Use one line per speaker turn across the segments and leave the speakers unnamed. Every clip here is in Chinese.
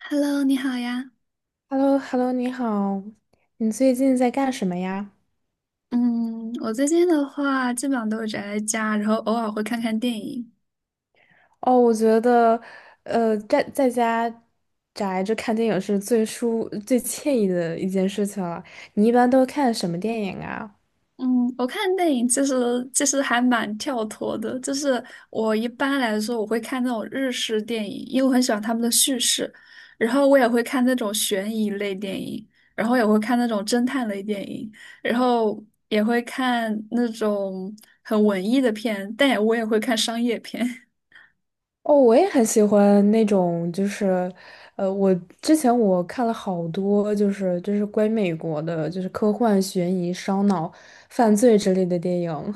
Hello，你好呀。
h e l l o h e l l o 你好，你最近在干什么呀？
嗯，我最近的话，基本上都是宅在家，然后偶尔会看看电影。
哦，我觉得，在家宅着看电影是最舒、最惬意的一件事情了。你一般都看什么电影啊？
嗯，我看电影其实还蛮跳脱的，就是我一般来说我会看那种日式电影，因为我很喜欢他们的叙事，然后我也会看那种悬疑类电影，然后也会看那种侦探类电影，然后也会看那种很文艺的片，但我也会看商业片。
哦，我也很喜欢那种，就是，我之前看了好多，就是关于美国的，就是科幻、悬疑、烧脑、犯罪之类的电影。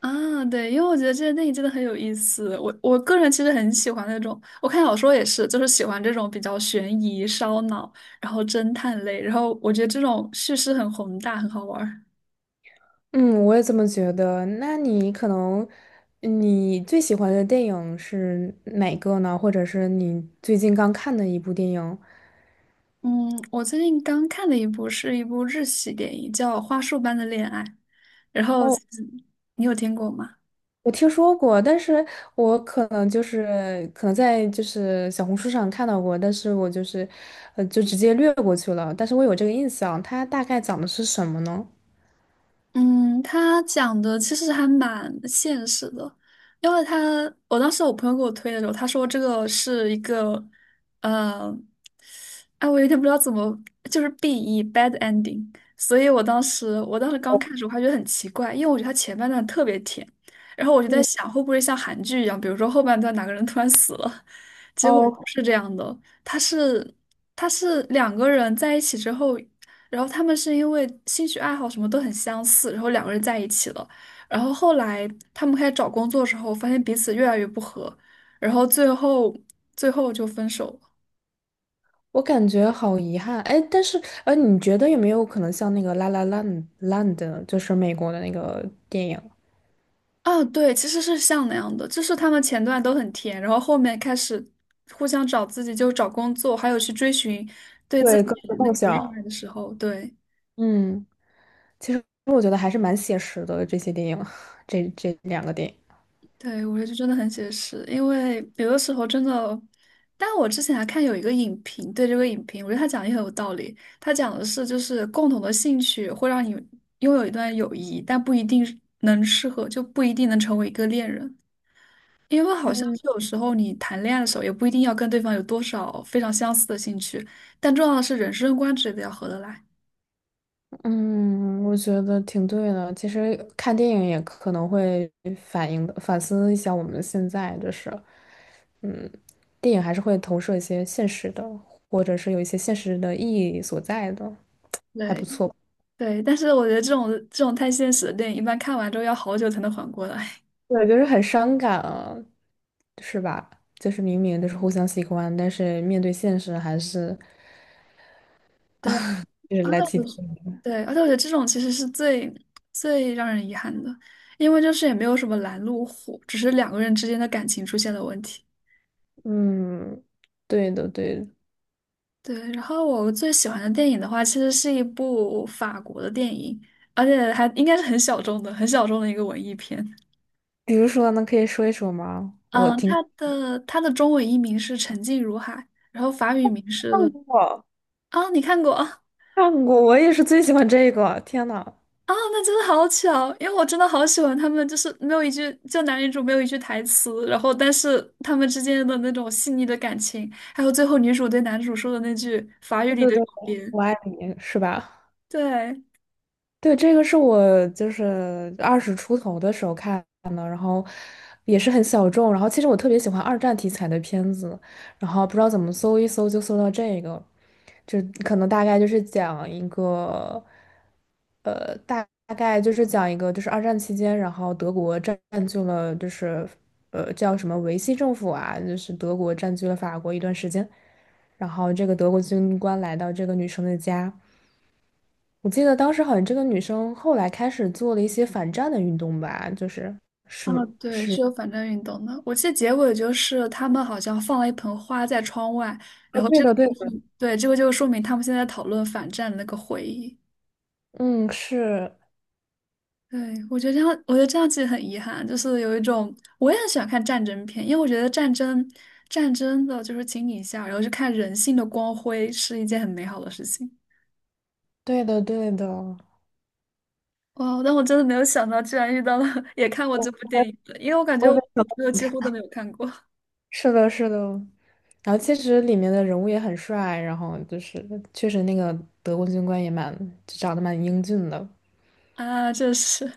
啊，对，因为我觉得这些电影真的很有意思。我个人其实很喜欢那种，我看小说也是，就是喜欢这种比较悬疑、烧脑，然后侦探类，然后我觉得这种叙事很宏大，很好玩儿。
嗯，我也这么觉得。那你可能，你最喜欢的电影是哪个呢？或者是你最近刚看的一部电影？
嗯，我最近刚看的一部是一部日系电影，叫《花束般的恋爱》，然后
哦，
你有听过吗？
我听说过，但是我可能在就是小红书上看到过，但是我就是，就直接略过去了。但是我有这个印象，它大概讲的是什么呢？
嗯，他讲的其实还蛮现实的，因为他我当时我朋友给我推的时候，他说这个是一个，呃，哎，我有点不知道怎么，就是 BE bad ending,所以我当时刚看的时候还觉得很奇怪，因为我觉得他前半段特别甜，然后我就在
嗯，
想会不会像韩剧一样，比如说后半段哪个人突然死了，结果不
哦，
是这样的，他是他是两个人在一起之后。然后他们是因为兴趣爱好什么都很相似，然后两个人在一起了。然后后来他们开始找工作的时候，发现彼此越来越不合，然后最后就分手了。
我感觉好遗憾，哎，但是，你觉得有没有可能像那个《La La Land》，就是美国的那个电影？
啊，对，其实是像那样的，就是他们前段都很甜，然后后面开始互相找自己，就找工作，还有去追寻对自
对，
己
各自
那
梦
个热爱
想。
的时候，对。
嗯，其实我觉得还是蛮写实的，这些电影，这2个电影。
对，我觉得真的很写实，因为有的时候真的，但我之前还看有一个影评，对这个影评，我觉得他讲的也很有道理。他讲的是，就是共同的兴趣会让你拥有一段友谊，但不一定是能适合，就不一定能成为一个恋人，因为好像
嗯
是有时候你谈恋爱的时候，也不一定要跟对方有多少非常相似的兴趣，但重要的是人生观之类的要合得来。
嗯，我觉得挺对的。其实看电影也可能会反映的，反思一下我们现在就是，嗯，电影还是会投射一些现实的，或者是有一些现实的意义所在的，还不
对
错。
对，但是我觉得这种太现实的电影，一般看完之后要好久才能缓过来。
对，就是很伤感啊，是吧？就是明明就是互相喜欢，但是面对现实还是
对。
就是
而
来。
且我觉对，而且我觉得这种其实是最让人遗憾的，因为就是也没有什么拦路虎，只是两个人之间的感情出现了问题。
嗯，对的对的。
对，然后我最喜欢的电影的话，其实是一部法国的电影，而且还应该是很小众的、很小众的一个文艺片。
比如说呢，可以说一说吗？
嗯，它的中文译名是《沉静如海》，然后法语名
看
是。
过，
啊，你看过？
看过，我也是最喜欢这个。天呐，
啊，那真的好巧，因为我真的好喜欢他们，就是没有一句，就男女主没有一句台词，然后但是他们之间的那种细腻的感情，还有最后女主对男主说的那句法语
对
里
对
的永
对，
别，
我爱你是吧？
对。
对，这个是我就是二十出头的时候看的，然后也是很小众。然后其实我特别喜欢二战题材的片子，然后不知道怎么搜一搜就搜到这个，就可能大概就是讲一个，大概就是讲一个就是二战期间，然后德国占据了就是叫什么维希政府啊，就是德国占据了法国一段时间，然后这个德国军官来到这个女生的家。我记得当时好像这个女生后来开始做了一些反战的运动吧，就是
啊，
是
对，
是，
是有反战运动的。我记得结尾就是他们好像放了一盆花在窗外，
啊，
然后
对
这个
的，对
就
的，
是，对，这个就说明他们现在讨论反战的那个回忆。
嗯，是
对，我觉得这样其实很遗憾，就是有一种我也很喜欢看战争片，因为我觉得战争的就是情一下，然后去看人性的光辉是一件很美好的事情。
对的，对的，
哇，但我真的没有想到，居然遇到了 也看过这部
我
电影的，因为我感觉我
我
朋友几乎都没有看过
是的，是的。然后其实里面的人物也很帅，然后就是确实那个德国军官也蛮长得蛮英俊的。
啊，这是。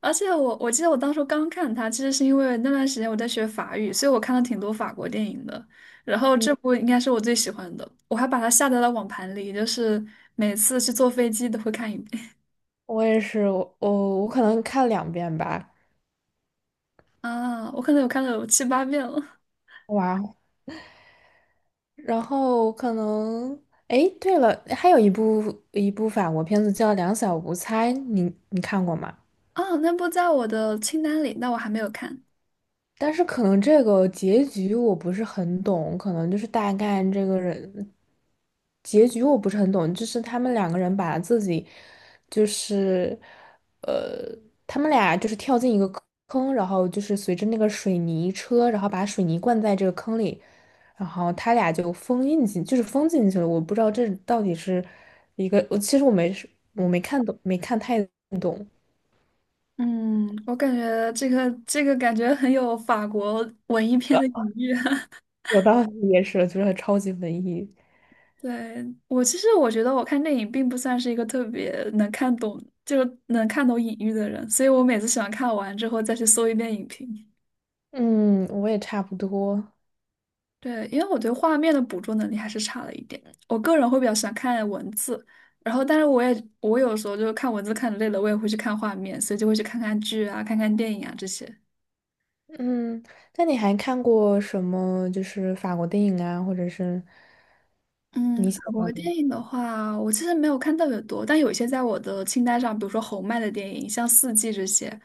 而且我记得我当初刚看它，其实是因为那段时间我在学法语，所以我看了挺多法国电影的。然后
嗯，
这部应该是我最喜欢的，我还把它下载到网盘里，就是每次去坐飞机都会看一遍
我也是，我可能看2遍吧，
啊。我可能有看了有七八遍了
哇，然后可能，哎，对了，还有一部法国片子叫《两小无猜》，你看过吗？
啊。那部在我的清单里，但我还没有看。
但是可能这个结局我不是很懂，可能就是大概这个人结局我不是很懂，就是他们2个人把自己就是呃，他们俩就是跳进一个坑，然后就是随着那个水泥车，然后把水泥灌在这个坑里，然后他俩就封印进，就是封进去了。我不知道这到底是一个，我其实我没我没看懂，没看太懂，
嗯，我感觉这个感觉很有法国文艺片的隐喻。
我道理也是，就是超级文艺。
对，我其实我觉得我看电影并不算是一个特别能看懂，就是能看懂隐喻的人，所以我每次喜欢看完之后再去搜一遍影评。
嗯，我也差不多。
对，因为我对画面的捕捉能力还是差了一点，我个人会比较喜欢看文字，然后但是我有时候就是看文字看得累了，我也会去看画面，所以就会去看看剧啊、看看电影啊这些。
嗯，那你还看过什么？就是法国电影啊，或者是
嗯，
你喜
法国
欢？
电影的话，我其实没有看特别多，但有一些在我的清单上，比如说侯麦的电影，像《四季》这些。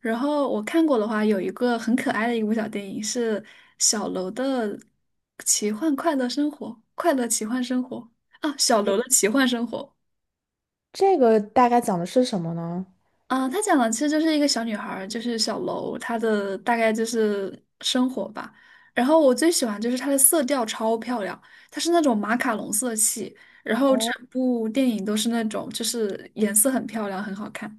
然后我看过的话，有一个很可爱的一部小电影是小楼的《奇幻快乐生活》，快乐奇幻生活啊，小楼
诶，
的奇幻生活。
这个大概讲的是什么呢？
啊，他讲的其实就是一个小女孩儿，就是小楼，她的大概就是生活吧。然后我最喜欢就是它的色调超漂亮，它是那种马卡龙色系，然后
哦，
整部电影都是那种就是颜色很漂亮，很好看。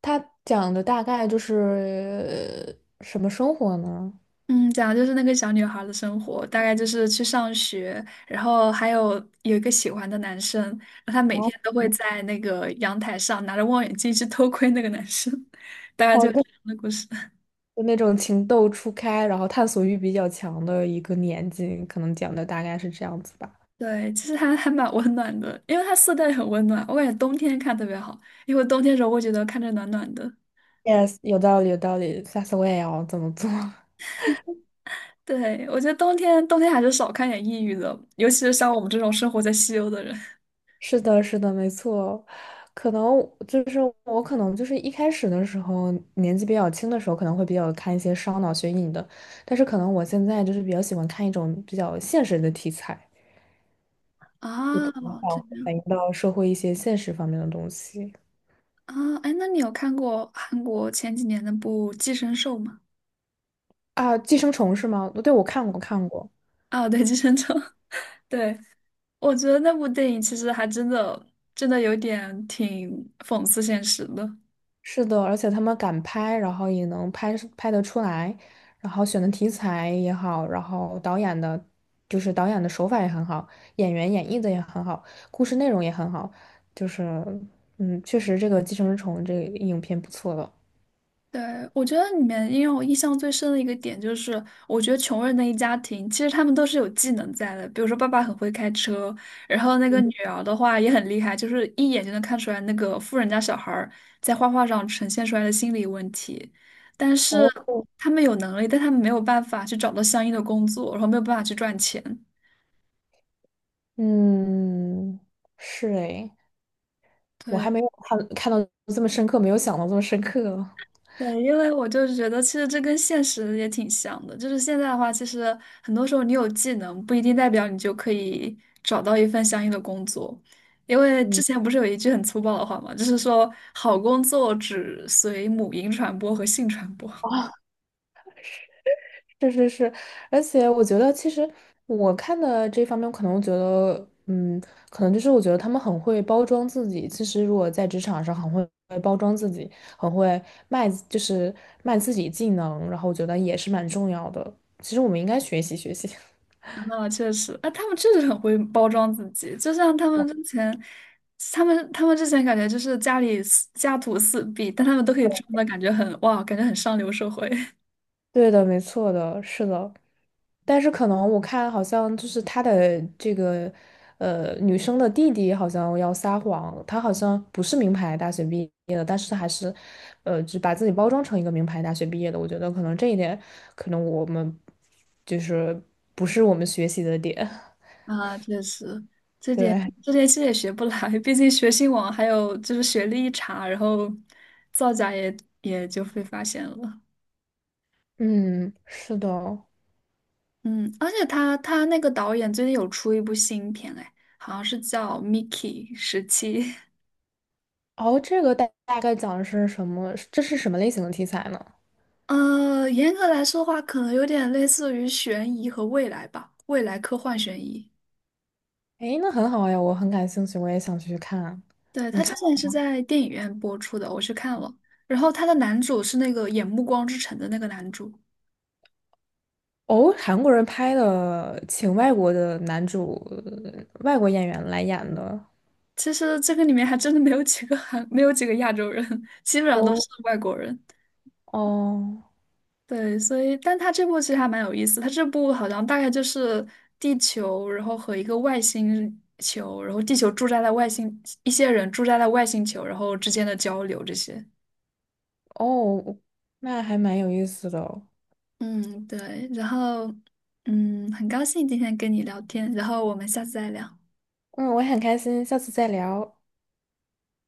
它讲的大概就是什么生活呢？
嗯，讲的就是那个小女孩的生活，大概就是去上学，然后还有一个喜欢的男生，然后她每
哦，
天都会在那个阳台上拿着望远镜去偷窥那个男生，大概就
好
是这
的，
样的故事。
就那种情窦初开，然后探索欲比较强的一个年纪，可能讲的大概是这样子吧。
对，其实还蛮温暖的，因为它色调也很温暖，我感觉冬天看特别好，因为冬天的时候会觉得看着暖暖的。
Yes，有道理，有道理。下次我也要这么做。
对，我觉得冬天还是少看点抑郁的，尤其是像我们这种生活在西欧的人。
是的，是的，没错。可能可能就是一开始的时候，年纪比较轻的时候，可能会比较看一些烧脑悬疑的，但是可能我现在就是比较喜欢看一种比较现实的题材，就
啊，
可能反
这样
反映到社会一些现实方面的东西
啊，哎，那你有看过韩国前几年那部《寄生兽》吗？
啊，《寄生虫》是吗？对，我看过，看过。
啊，对，《寄生虫》，对，我觉得那部电影其实还真的有点挺讽刺现实的。
是的，而且他们敢拍，然后也能拍是拍得出来，然后选的题材也好，然后导演的，就是导演的手法也很好，演员演绎的也很好，故事内容也很好，就是，嗯，确实这个《寄生虫》这个影片不错的。
对，我觉得里面因为我印象最深的一个点就是，我觉得穷人的一家庭，其实他们都是有技能在的。比如说，爸爸很会开车，然后那个女儿的话也很厉害，就是一眼就能看出来那个富人家小孩儿在画画上呈现出来的心理问题。但是
哦，
他们有能力，但他们没有办法去找到相应的工作，然后没有办法去赚钱。
嗯，是诶，我还
对。
没有看到这么深刻，没有想到这么深刻。
对，因为我就是觉得，其实这跟现实也挺像的。就是现在的话，其实很多时候你有技能，不一定代表你就可以找到一份相应的工作。因为之
嗯，
前不是有一句很粗暴的话嘛，就是说好工作只随母婴传播和性传播。
啊。是是是，而且我觉得，其实我看的这方面，可能觉得，嗯，可能就是我觉得他们很会包装自己。其实，如果在职场上很会包装自己，很会卖就是卖自己技能，然后我觉得也是蛮重要的。其实我们应该学习学习。
啊，确实，啊，他们确实很会包装自己，就像他们之前，他们之前感觉就是家里四家徒四壁，但他们都可以装的感觉很哇，感觉很上流社会。
对的，没错的，是的。但是可能我看好像就是他的这个，女生的弟弟好像要撒谎，他好像不是名牌大学毕业的，但是还是，就把自己包装成一个名牌大学毕业的。我觉得可能这一点，可能我们就是不是我们学习的点。
啊，确实，这 点
对，
这点其实也学不来，毕竟学信网还有就是学历一查，然后造假也就被发现了。
嗯，是的。
嗯，而且他那个导演最近有出一部新片，哎，好像是叫《Mickey 17》。
哦，这个大概讲的是什么？这是什么类型的题材呢？
严格来说的话，可能有点类似于悬疑和未来吧，未来科幻悬疑。
诶，那很好呀，我很感兴趣，我也想去看。
对，
你
他之
看。
前是在电影院播出的，我去看了。然后他的男主是那个演《暮光之城》的那个男主。
哦，韩国人拍的，请外国的男主、外国演员来演的。
其实这个里面还真的没有几个韩，没有几个亚洲人，基本上都
哦
是外国人。
哦
对，所以，但他这部其实还蛮有意思。他这部好像大概就是地球，然后和一个外星球，然后地球驻扎在外星，一些人驻扎在外星球，然后之间的交流这些。
哦，那还蛮有意思的哦
嗯，对。然后，很高兴今天跟你聊天，然后我们下次再聊。
嗯，我很开心，下次再聊。